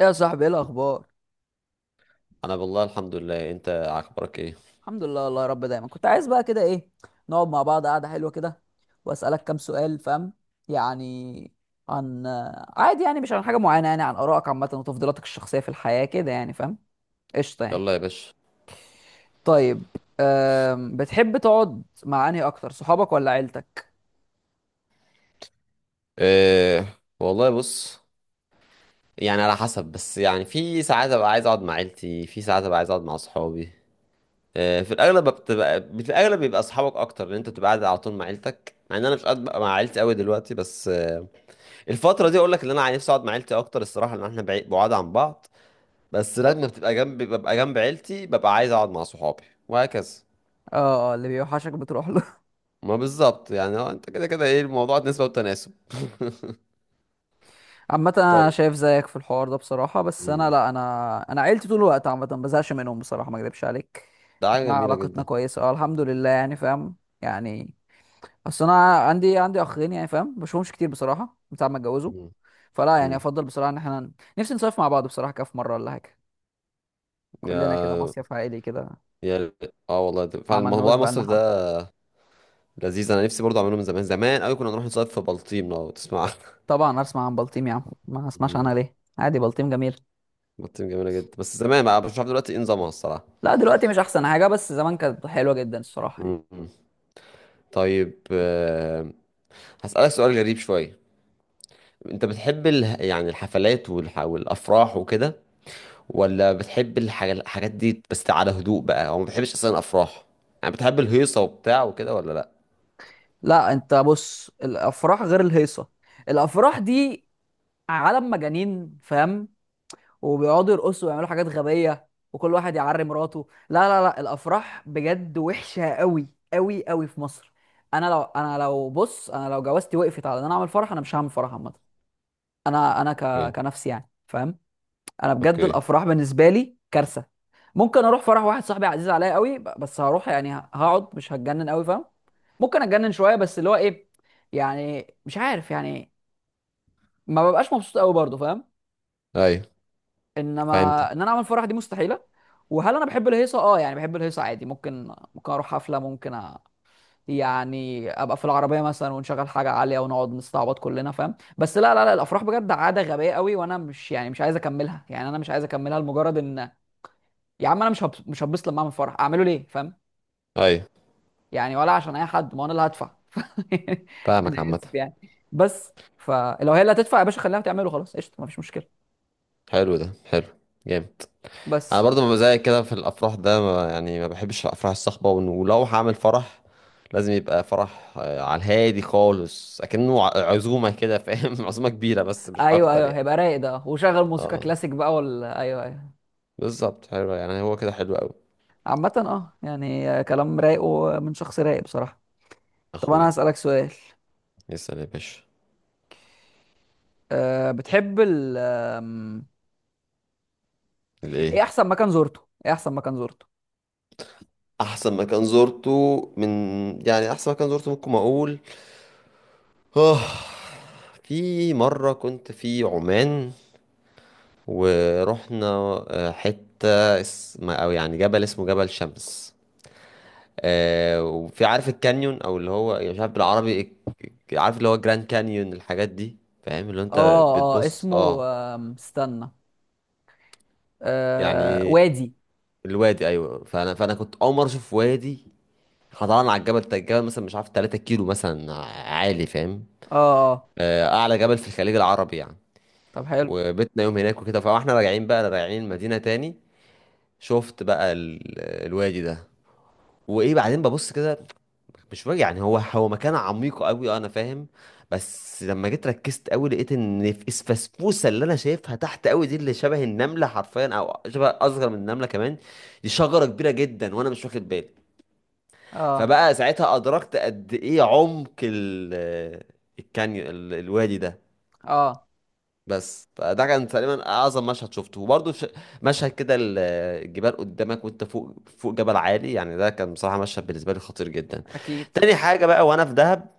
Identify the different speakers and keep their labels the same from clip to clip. Speaker 1: ايه يا صاحبي، ايه الاخبار؟
Speaker 2: انا بالله الحمد لله، انت اخبارك ايه؟
Speaker 1: الحمد لله، الله يا رب. دايما كنت عايز بقى كده، ايه، نقعد مع بعض قعده حلوه كده، واسالك كام سؤال، فاهم يعني؟ عن، عادي يعني، مش عن حاجه معينه، يعني عن ارائك عامه وتفضيلاتك الشخصيه في الحياه كده، يعني فاهم؟ قشطه يعني.
Speaker 2: يلا يا باشا.
Speaker 1: طيب، بتحب تقعد مع انهي اكتر، صحابك ولا عيلتك؟
Speaker 2: إيه والله، بص، يعني على حسب، بس يعني في ساعات ابقى عايز اقعد مع عيلتي، في ساعات ابقى عايز اقعد مع اصحابي. إيه، في الاغلب بيبقى اصحابك اكتر، لان انت بتبقى قاعد على طول مع عيلتك، مع ان انا مش قاعد بقى مع عيلتي قوي دلوقتي، بس الفتره دي اقول لك ان انا نفسي اقعد مع عيلتي اكتر الصراحه، لان احنا بعيد بعاد عن بعض. بس لما بتبقى جنب ببقى جنب عيلتي ببقى عايز اقعد مع صحابي، وهكذا.
Speaker 1: اه، اللي بيوحشك بتروح له.
Speaker 2: ما بالظبط يعني، انت كده كده ايه، الموضوع نسبه وتناسب
Speaker 1: عامة انا
Speaker 2: طيب.
Speaker 1: شايف زيك في الحوار ده بصراحة، بس انا
Speaker 2: مم.
Speaker 1: لا. انا انا عيلتي طول الوقت، عامة ما بزهقش منهم بصراحة، ما اكذبش عليك.
Speaker 2: ده حاجة
Speaker 1: احنا
Speaker 2: جميلة
Speaker 1: علاقتنا
Speaker 2: جدا.
Speaker 1: كويسة، اه الحمد لله، يعني فاهم يعني. اصل انا عندي اخين، يعني فاهم، ما بشوفهمش كتير بصراحة من ساعة ما اتجوزوا.
Speaker 2: مم.
Speaker 1: فلا يعني،
Speaker 2: مم.
Speaker 1: افضل بصراحة ان احنا نفسي نصيف مع بعض بصراحة، كده في مرة ولا حاجة،
Speaker 2: يا
Speaker 1: كلنا كده مصيف عائلي كده.
Speaker 2: يا اه والله ده
Speaker 1: ما
Speaker 2: فعلا
Speaker 1: عملناهوش
Speaker 2: موضوع
Speaker 1: بقالنا
Speaker 2: مصيف ده
Speaker 1: حبة.
Speaker 2: لذيذ، انا نفسي برضه اعمله من زمان، زمان قوي كنا نروح نصيف في بلطيم لو تسمع عنها.
Speaker 1: طبعا اسمع عن بلطيم يا عم، ما اسمعش
Speaker 2: مم.
Speaker 1: عنها ليه؟ عادي، بلطيم جميل.
Speaker 2: بلطيم جميلة جدا، بس زمان بقى مش عارف دلوقتي ايه نظامها الصراحة.
Speaker 1: لا دلوقتي مش احسن حاجة، بس زمان كانت حلوة جدا الصراحة يعني.
Speaker 2: مم. طيب، هسألك سؤال غريب شوية. انت بتحب يعني الحفلات والافراح وكده، ولا بتحب الحاجات دي بس على هدوء بقى، او ما بتحبش اصلا افراح؟ يعني بتحب الهيصة وبتاع وكده ولا لا؟
Speaker 1: لا انت بص، الافراح غير الهيصه. الافراح دي عالم مجانين، فاهم؟ وبيقعدوا يرقصوا ويعملوا حاجات غبيه، وكل واحد يعري مراته. لا لا لا، الافراح بجد وحشه قوي قوي قوي في مصر. انا لو بص، انا لو جوازتي وقفت على ان انا اعمل فرح، انا مش هعمل فرح عامه.
Speaker 2: اوكي.
Speaker 1: كنفسي يعني، فاهم؟ انا بجد
Speaker 2: اوكي.
Speaker 1: الافراح بالنسبه لي كارثه. ممكن اروح فرح واحد صاحبي عزيز عليا قوي، بس هروح يعني، هقعد، مش هتجنن قوي، فاهم؟ ممكن اتجنن شويه، بس اللي هو ايه، يعني مش عارف يعني، ما ببقاش مبسوط قوي برضه، فاهم؟
Speaker 2: ايوه فهمتك.
Speaker 1: انما ان انا اعمل فرح دي مستحيله. وهل انا بحب الهيصه؟ اه يعني، بحب الهيصه عادي، ممكن اروح حفله، يعني ابقى في العربيه مثلا ونشغل حاجه عاليه ونقعد نستعبط كلنا، فاهم؟ بس لا لا لا، الافراح بجد عاده غبيه قوي، وانا مش يعني مش عايز اكملها، يعني انا مش عايز اكملها لمجرد ان، يا عم انا مش هتبسط. لما اعمل فرح اعمله ليه، فاهم
Speaker 2: ايوه
Speaker 1: يعني؟ ولا عشان اي حد، ما هو انا اللي هدفع انا
Speaker 2: فاهمك عامة.
Speaker 1: اسف يعني. بس فلو هي اللي هتدفع يا باشا، خليها تعمله، خلاص قشطه، ما فيش مشكله.
Speaker 2: حلو ده، حلو. جامد. انا
Speaker 1: بس
Speaker 2: برضو ما زيك كده في الافراح ده، ما يعني ما بحبش الافراح الصاخبة، ولو هعمل فرح لازم يبقى فرح، على الهادي خالص، اكنه عزومة كده، فاهم؟ عزومة كبيرة بس مش
Speaker 1: ايوه
Speaker 2: اكتر
Speaker 1: ايوه،
Speaker 2: يعني.
Speaker 1: هيبقى رايق ده وشغل موسيقى
Speaker 2: اه
Speaker 1: كلاسيك بقى، ولا ايوه ايوه.
Speaker 2: بالظبط، حلو يعني، هو كده حلو قوي.
Speaker 1: عامه اه يعني، كلام رايق ومن شخص رايق بصراحه. طب انا
Speaker 2: اخويا.
Speaker 1: هسالك سؤال.
Speaker 2: يسأل يا باشا.
Speaker 1: أه بتحب ال آم، ايه
Speaker 2: الايه؟
Speaker 1: احسن مكان زرته؟ ايه احسن مكان زرته؟
Speaker 2: احسن مكان زرته، من يعني احسن مكان زرته ممكن اقول، اه في مرة كنت في عمان، ورحنا حتة اسم، أو يعني جبل اسمه جبل شمس. وفي عارف الكانيون، أو اللي هو يعني مش عارف بالعربي عارف اللي هو جراند كانيون الحاجات دي، فاهم اللي هو أنت
Speaker 1: اه. اه
Speaker 2: بتبص،
Speaker 1: اسمه،
Speaker 2: اه؟
Speaker 1: استنى، أه
Speaker 2: يعني
Speaker 1: وادي.
Speaker 2: الوادي، أيوه. فأنا كنت أول مرة أشوف وادي. طبعا على الجبل ده، الجبل مثلا مش عارف 3 كيلو مثلا، عالي فاهم.
Speaker 1: اه اه.
Speaker 2: أعلى جبل في الخليج العربي يعني.
Speaker 1: طب حلو.
Speaker 2: وبيتنا يوم هناك وكده، فاحنا راجعين بقى راجعين المدينة تاني، شفت بقى الوادي ده، وايه بعدين، ببص كده مش فاهم يعني، هو مكان عميق قوي انا فاهم، بس لما جيت ركزت قوي لقيت ان في الفسفوسه اللي انا شايفها تحت قوي دي، اللي شبه النمله حرفيا، او شبه اصغر من النمله كمان، دي شجره كبيره جدا وانا مش واخد بالي.
Speaker 1: اه
Speaker 2: فبقى ساعتها ادركت قد ايه عمق الكانيون، الوادي ده.
Speaker 1: اه.
Speaker 2: بس فده كان تقريبا اعظم مشهد شفته، وبرضه مشهد كده الجبال قدامك وانت فوق فوق جبل عالي، يعني ده كان بصراحه مشهد بالنسبه لي خطير جدا.
Speaker 1: اكيد.
Speaker 2: تاني حاجه بقى، وانا في دهب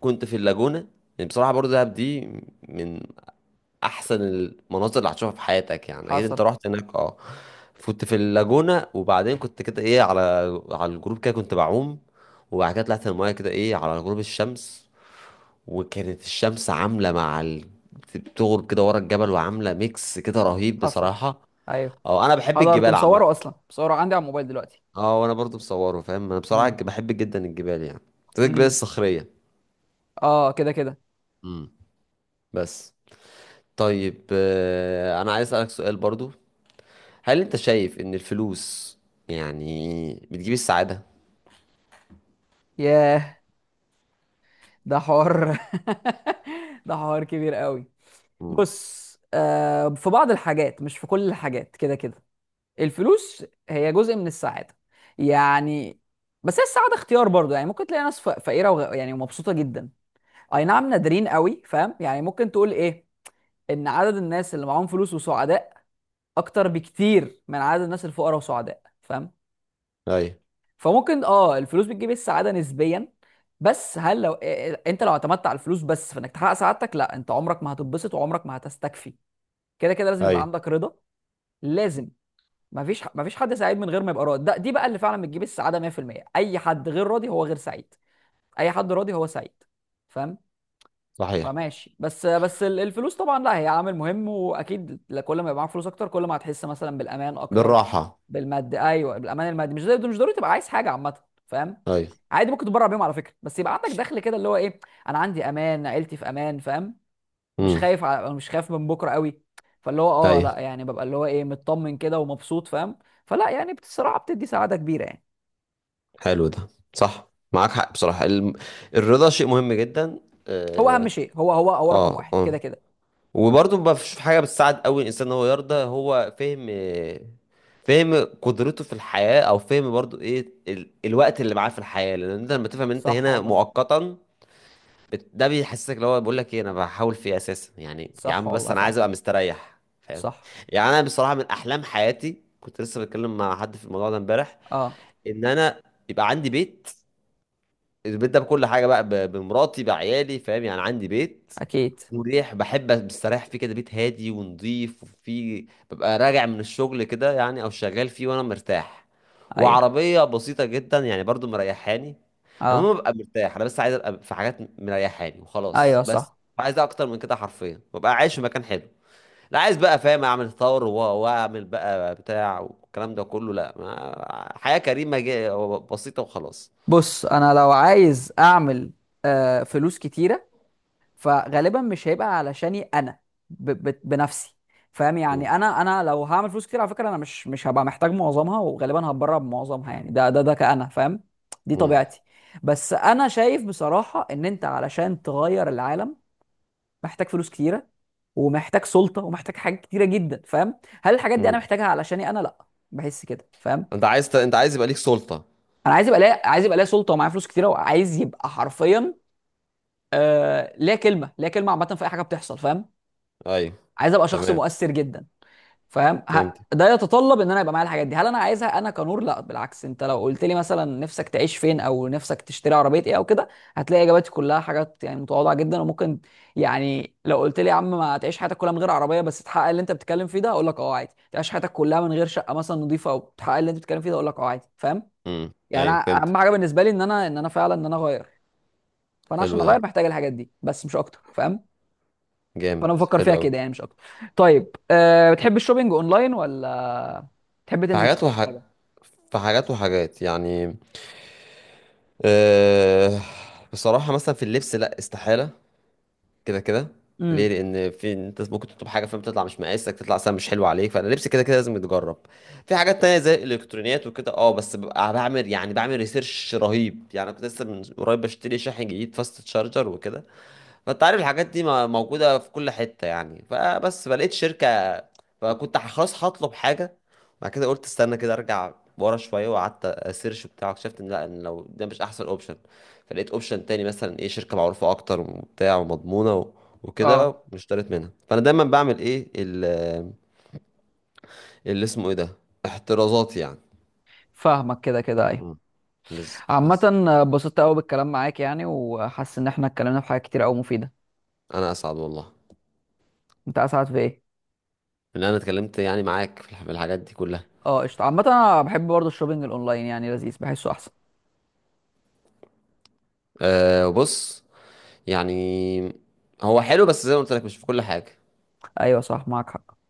Speaker 2: كنت في اللاجونه. يعني بصراحه برضه دهب دي من احسن المناظر اللي هتشوفها في حياتك يعني، اكيد
Speaker 1: حصل.
Speaker 2: انت رحت هناك، اه. كنت في اللاجونه، وبعدين كنت كده ايه، على الجروب كده كنت بعوم، وبعد كده طلعت المايه كده ايه على غروب الشمس، وكانت الشمس عاملة مع بتغرب كده ورا الجبل وعاملة ميكس كده رهيب
Speaker 1: حصل.
Speaker 2: بصراحة.
Speaker 1: ايوه.
Speaker 2: اه انا بحب
Speaker 1: حضرت
Speaker 2: الجبال عامة.
Speaker 1: مصوره اصلا، مصوره عندي على الموبايل دلوقتي.
Speaker 2: اه، وانا برضو بصوره، فاهم؟ انا بصراحة
Speaker 1: امم.
Speaker 2: بحب جدا الجبال يعني، زي الجبال
Speaker 1: امم.
Speaker 2: الصخرية.
Speaker 1: اه كده كده.
Speaker 2: امم. بس. طيب، انا عايز اسألك سؤال برضو. هل انت شايف ان الفلوس يعني بتجيب السعادة؟
Speaker 1: ياه، ده حوار ده حوار كبير قوي.
Speaker 2: امم.
Speaker 1: بص، في بعض الحاجات، مش في كل الحاجات، كده كده. الفلوس هي جزء من السعاده يعني، بس هي السعاده اختيار برضو، يعني ممكن تلاقي ناس فقيره يعني ومبسوطه جدا. اي نعم نادرين قوي، فاهم يعني؟ ممكن تقول ايه، ان عدد الناس اللي معاهم فلوس وسعداء اكتر بكتير من عدد الناس الفقراء وسعداء، فاهم؟
Speaker 2: ايوه.
Speaker 1: فممكن اه، الفلوس بتجيب السعاده نسبيا. بس هل لو انت لو اعتمدت على الفلوس بس في انك تحقق سعادتك، لا انت عمرك ما هتتبسط وعمرك ما هتستكفي. كده كده لازم يبقى
Speaker 2: ايوه
Speaker 1: عندك رضا، لازم. مفيش حد سعيد من غير ما يبقى راضي. ده دي بقى اللي فعلا بتجيب السعاده 100%. اي حد غير راضي هو غير سعيد، اي حد راضي هو سعيد، فاهم؟
Speaker 2: صحيح.
Speaker 1: فماشي. الفلوس طبعا لا، هي عامل مهم واكيد، كل ما يبقى معاك فلوس اكتر، كل ما هتحس مثلا بالامان اكتر.
Speaker 2: بالراحة.
Speaker 1: بالمادي ايوه، بالامان المادي، مش زي، مش ضروري تبقى عايز حاجه عامه، فاهم؟
Speaker 2: ايوه.
Speaker 1: عادي ممكن تتبرع بيهم على فكره، بس يبقى عندك دخل كده، اللي هو ايه، انا عندي امان، عيلتي في امان، فاهم؟ مش
Speaker 2: امم.
Speaker 1: خايف على، مش خايف من بكره قوي. فاللي هو اه لا
Speaker 2: ايوه
Speaker 1: يعني، ببقى اللي هو ايه، مطمن كده ومبسوط، فاهم؟ فلا يعني بصراحه بتدي سعاده كبيره يعني.
Speaker 2: حلو ده. صح معاك حق بصراحة، الرضا شيء مهم جدا.
Speaker 1: هو اهم
Speaker 2: اه.
Speaker 1: شيء، هو هو هو رقم
Speaker 2: اه.
Speaker 1: واحد كده
Speaker 2: آه.
Speaker 1: كده.
Speaker 2: وبرضه ما فيش حاجة بتساعد قوي الإنسان إن هو يرضى، هو فهم، فهم قدرته في الحياة، أو فهم برضه إيه الوقت اللي معاه في الحياة، لأن أنت لما تفهم إن أنت
Speaker 1: صح
Speaker 2: هنا
Speaker 1: والله.
Speaker 2: مؤقتا، ده بيحسسك اللي هو بيقول لك إيه، أنا بحاول في إيه أساسا يعني، يا
Speaker 1: صح
Speaker 2: عم بس
Speaker 1: والله
Speaker 2: أنا
Speaker 1: فعلا.
Speaker 2: عايز أبقى مستريح فاهم.
Speaker 1: صح.
Speaker 2: يعني أنا بصراحة من أحلام حياتي، كنت لسه بتكلم مع حد في الموضوع ده امبارح،
Speaker 1: اه.
Speaker 2: إن أنا يبقى عندي بيت. البيت ده بكل حاجه بقى، بمراتي بعيالي فاهم يعني عندي بيت
Speaker 1: اكيد.
Speaker 2: مريح، بحب مستريح فيه كده، بيت هادي ونظيف وفيه ببقى راجع من الشغل كده يعني، او شغال فيه وانا مرتاح،
Speaker 1: ايوه.
Speaker 2: وعربيه بسيطه جدا يعني برضو مريحاني.
Speaker 1: اه.
Speaker 2: المهم ببقى مرتاح، انا بس عايز ابقى في حاجات مريحاني وخلاص
Speaker 1: ايوه
Speaker 2: بس.
Speaker 1: صح.
Speaker 2: مش عايز اكتر من كده حرفيا، ببقى عايش في مكان حلو، لا عايز بقى فاهم اعمل ثور واعمل بقى بتاع والكلام ده كله، لا، ما حياه كريمه بسيطه وخلاص.
Speaker 1: بص انا لو عايز اعمل، فلوس كتيره، فغالبا مش هيبقى علشاني انا، ب ب بنفسي فاهم يعني؟
Speaker 2: مم.
Speaker 1: انا انا لو هعمل فلوس كتير على فكره، انا مش هبقى محتاج معظمها، وغالبا هتبرع بمعظمها، يعني ده كأنا، فاهم؟ دي طبيعتي. بس انا شايف بصراحه ان انت علشان تغير العالم، محتاج فلوس كتيره، ومحتاج سلطه، ومحتاج حاجات كتيره جدا، فاهم؟ هل الحاجات دي انا
Speaker 2: مم.
Speaker 1: محتاجها علشاني انا؟ لا، بحس كده، فاهم؟
Speaker 2: انت عايز انت عايز يبقى ليك سلطة؟
Speaker 1: انا عايز يبقى ليا، عايز يبقى ليا سلطه ومعايا فلوس كتيره، وعايز يبقى حرفيا، ليا كلمه، ليا كلمه عامه في اي حاجه بتحصل، فاهم؟
Speaker 2: ايوه.
Speaker 1: عايز ابقى شخص
Speaker 2: تمام.
Speaker 1: مؤثر جدا، فاهم؟
Speaker 2: فهمت.
Speaker 1: ده يتطلب ان انا يبقى معايا الحاجات دي. هل انا عايزها انا كنور؟ لا بالعكس، انت لو قلت لي مثلا نفسك تعيش فين او نفسك تشتري عربيه ايه او كده، هتلاقي اجاباتي كلها حاجات يعني متواضعه جدا وممكن، يعني لو قلت لي يا عم ما تعيش حياتك كلها من غير عربيه بس تحقق اللي انت بتتكلم فيه ده، اقول لك اه عادي. تعيش حياتك كلها من غير شقه مثلا نظيفه او تحقق اللي انت بتتكلم فيه ده، اقول لك اه عادي، فاهم
Speaker 2: امم.
Speaker 1: يعني؟
Speaker 2: ايوه
Speaker 1: أنا
Speaker 2: فهمت.
Speaker 1: اهم حاجه بالنسبه لي ان انا، ان انا فعلا، ان انا اغير. فانا
Speaker 2: حلو
Speaker 1: عشان
Speaker 2: ده.
Speaker 1: اغير محتاج الحاجات دي، بس مش اكتر، فاهم؟
Speaker 2: جامد
Speaker 1: فانا بفكر
Speaker 2: حلو
Speaker 1: فيها
Speaker 2: قوي.
Speaker 1: كده يعني، مش اكتر. طيب، أه بتحب الشوبينج اونلاين ولا تحب
Speaker 2: في
Speaker 1: تنزل
Speaker 2: حاجات
Speaker 1: تشتري حاجه؟
Speaker 2: في حاجات وحاجات يعني، أه... بصراحة مثلا في اللبس لا استحالة، كده كده.
Speaker 1: امم.
Speaker 2: ليه؟ لان في انت ممكن تطلب حاجه فاهم، تطلع مش مقاسك، تطلع سهل مش حلو عليك، فانا لبسي كده كده لازم يتجرب. في حاجات تانية زي الالكترونيات وكده، اه، بس ببقى بعمل يعني بعمل ريسيرش رهيب يعني، كنت لسه من قريب بشتري شاحن جديد، فاست تشارجر وكده، فانت عارف الحاجات دي موجودة في كل حتة يعني، فبس فلقيت شركة، فكنت خلاص هطلب حاجة. بعد كده قلت استنى كده، ارجع ورا شوية، وقعدت اسيرش بتاع، اكتشفت ان لا، ان لو ده مش احسن اوبشن، فلقيت اوبشن تاني مثلا ايه، شركة معروفة اكتر وبتاع ومضمونة وكده،
Speaker 1: اه.
Speaker 2: واشتريت منها، فانا دايما بعمل ايه اللي اسمه ايه ده، احترازات يعني.
Speaker 1: فاهمك كده كده،
Speaker 2: مم.
Speaker 1: ايوه.
Speaker 2: بس
Speaker 1: عامه
Speaker 2: بس
Speaker 1: اتبسطت قوي بالكلام معاك يعني، وحاسس ان احنا اتكلمنا في حاجات كتير قوي مفيده.
Speaker 2: انا اسعد والله.
Speaker 1: انت اسعد في ايه؟
Speaker 2: ان انا اتكلمت يعني معاك في في الحاجات دي كلها.
Speaker 1: اه قشطه. عامه انا بحب برضه الشوبينج الاونلاين يعني، لذيذ، بحسه احسن.
Speaker 2: أه بص، يعني هو حلو بس زي ما قلت لك مش في كل حاجة
Speaker 1: ايوه صح، معاك حق.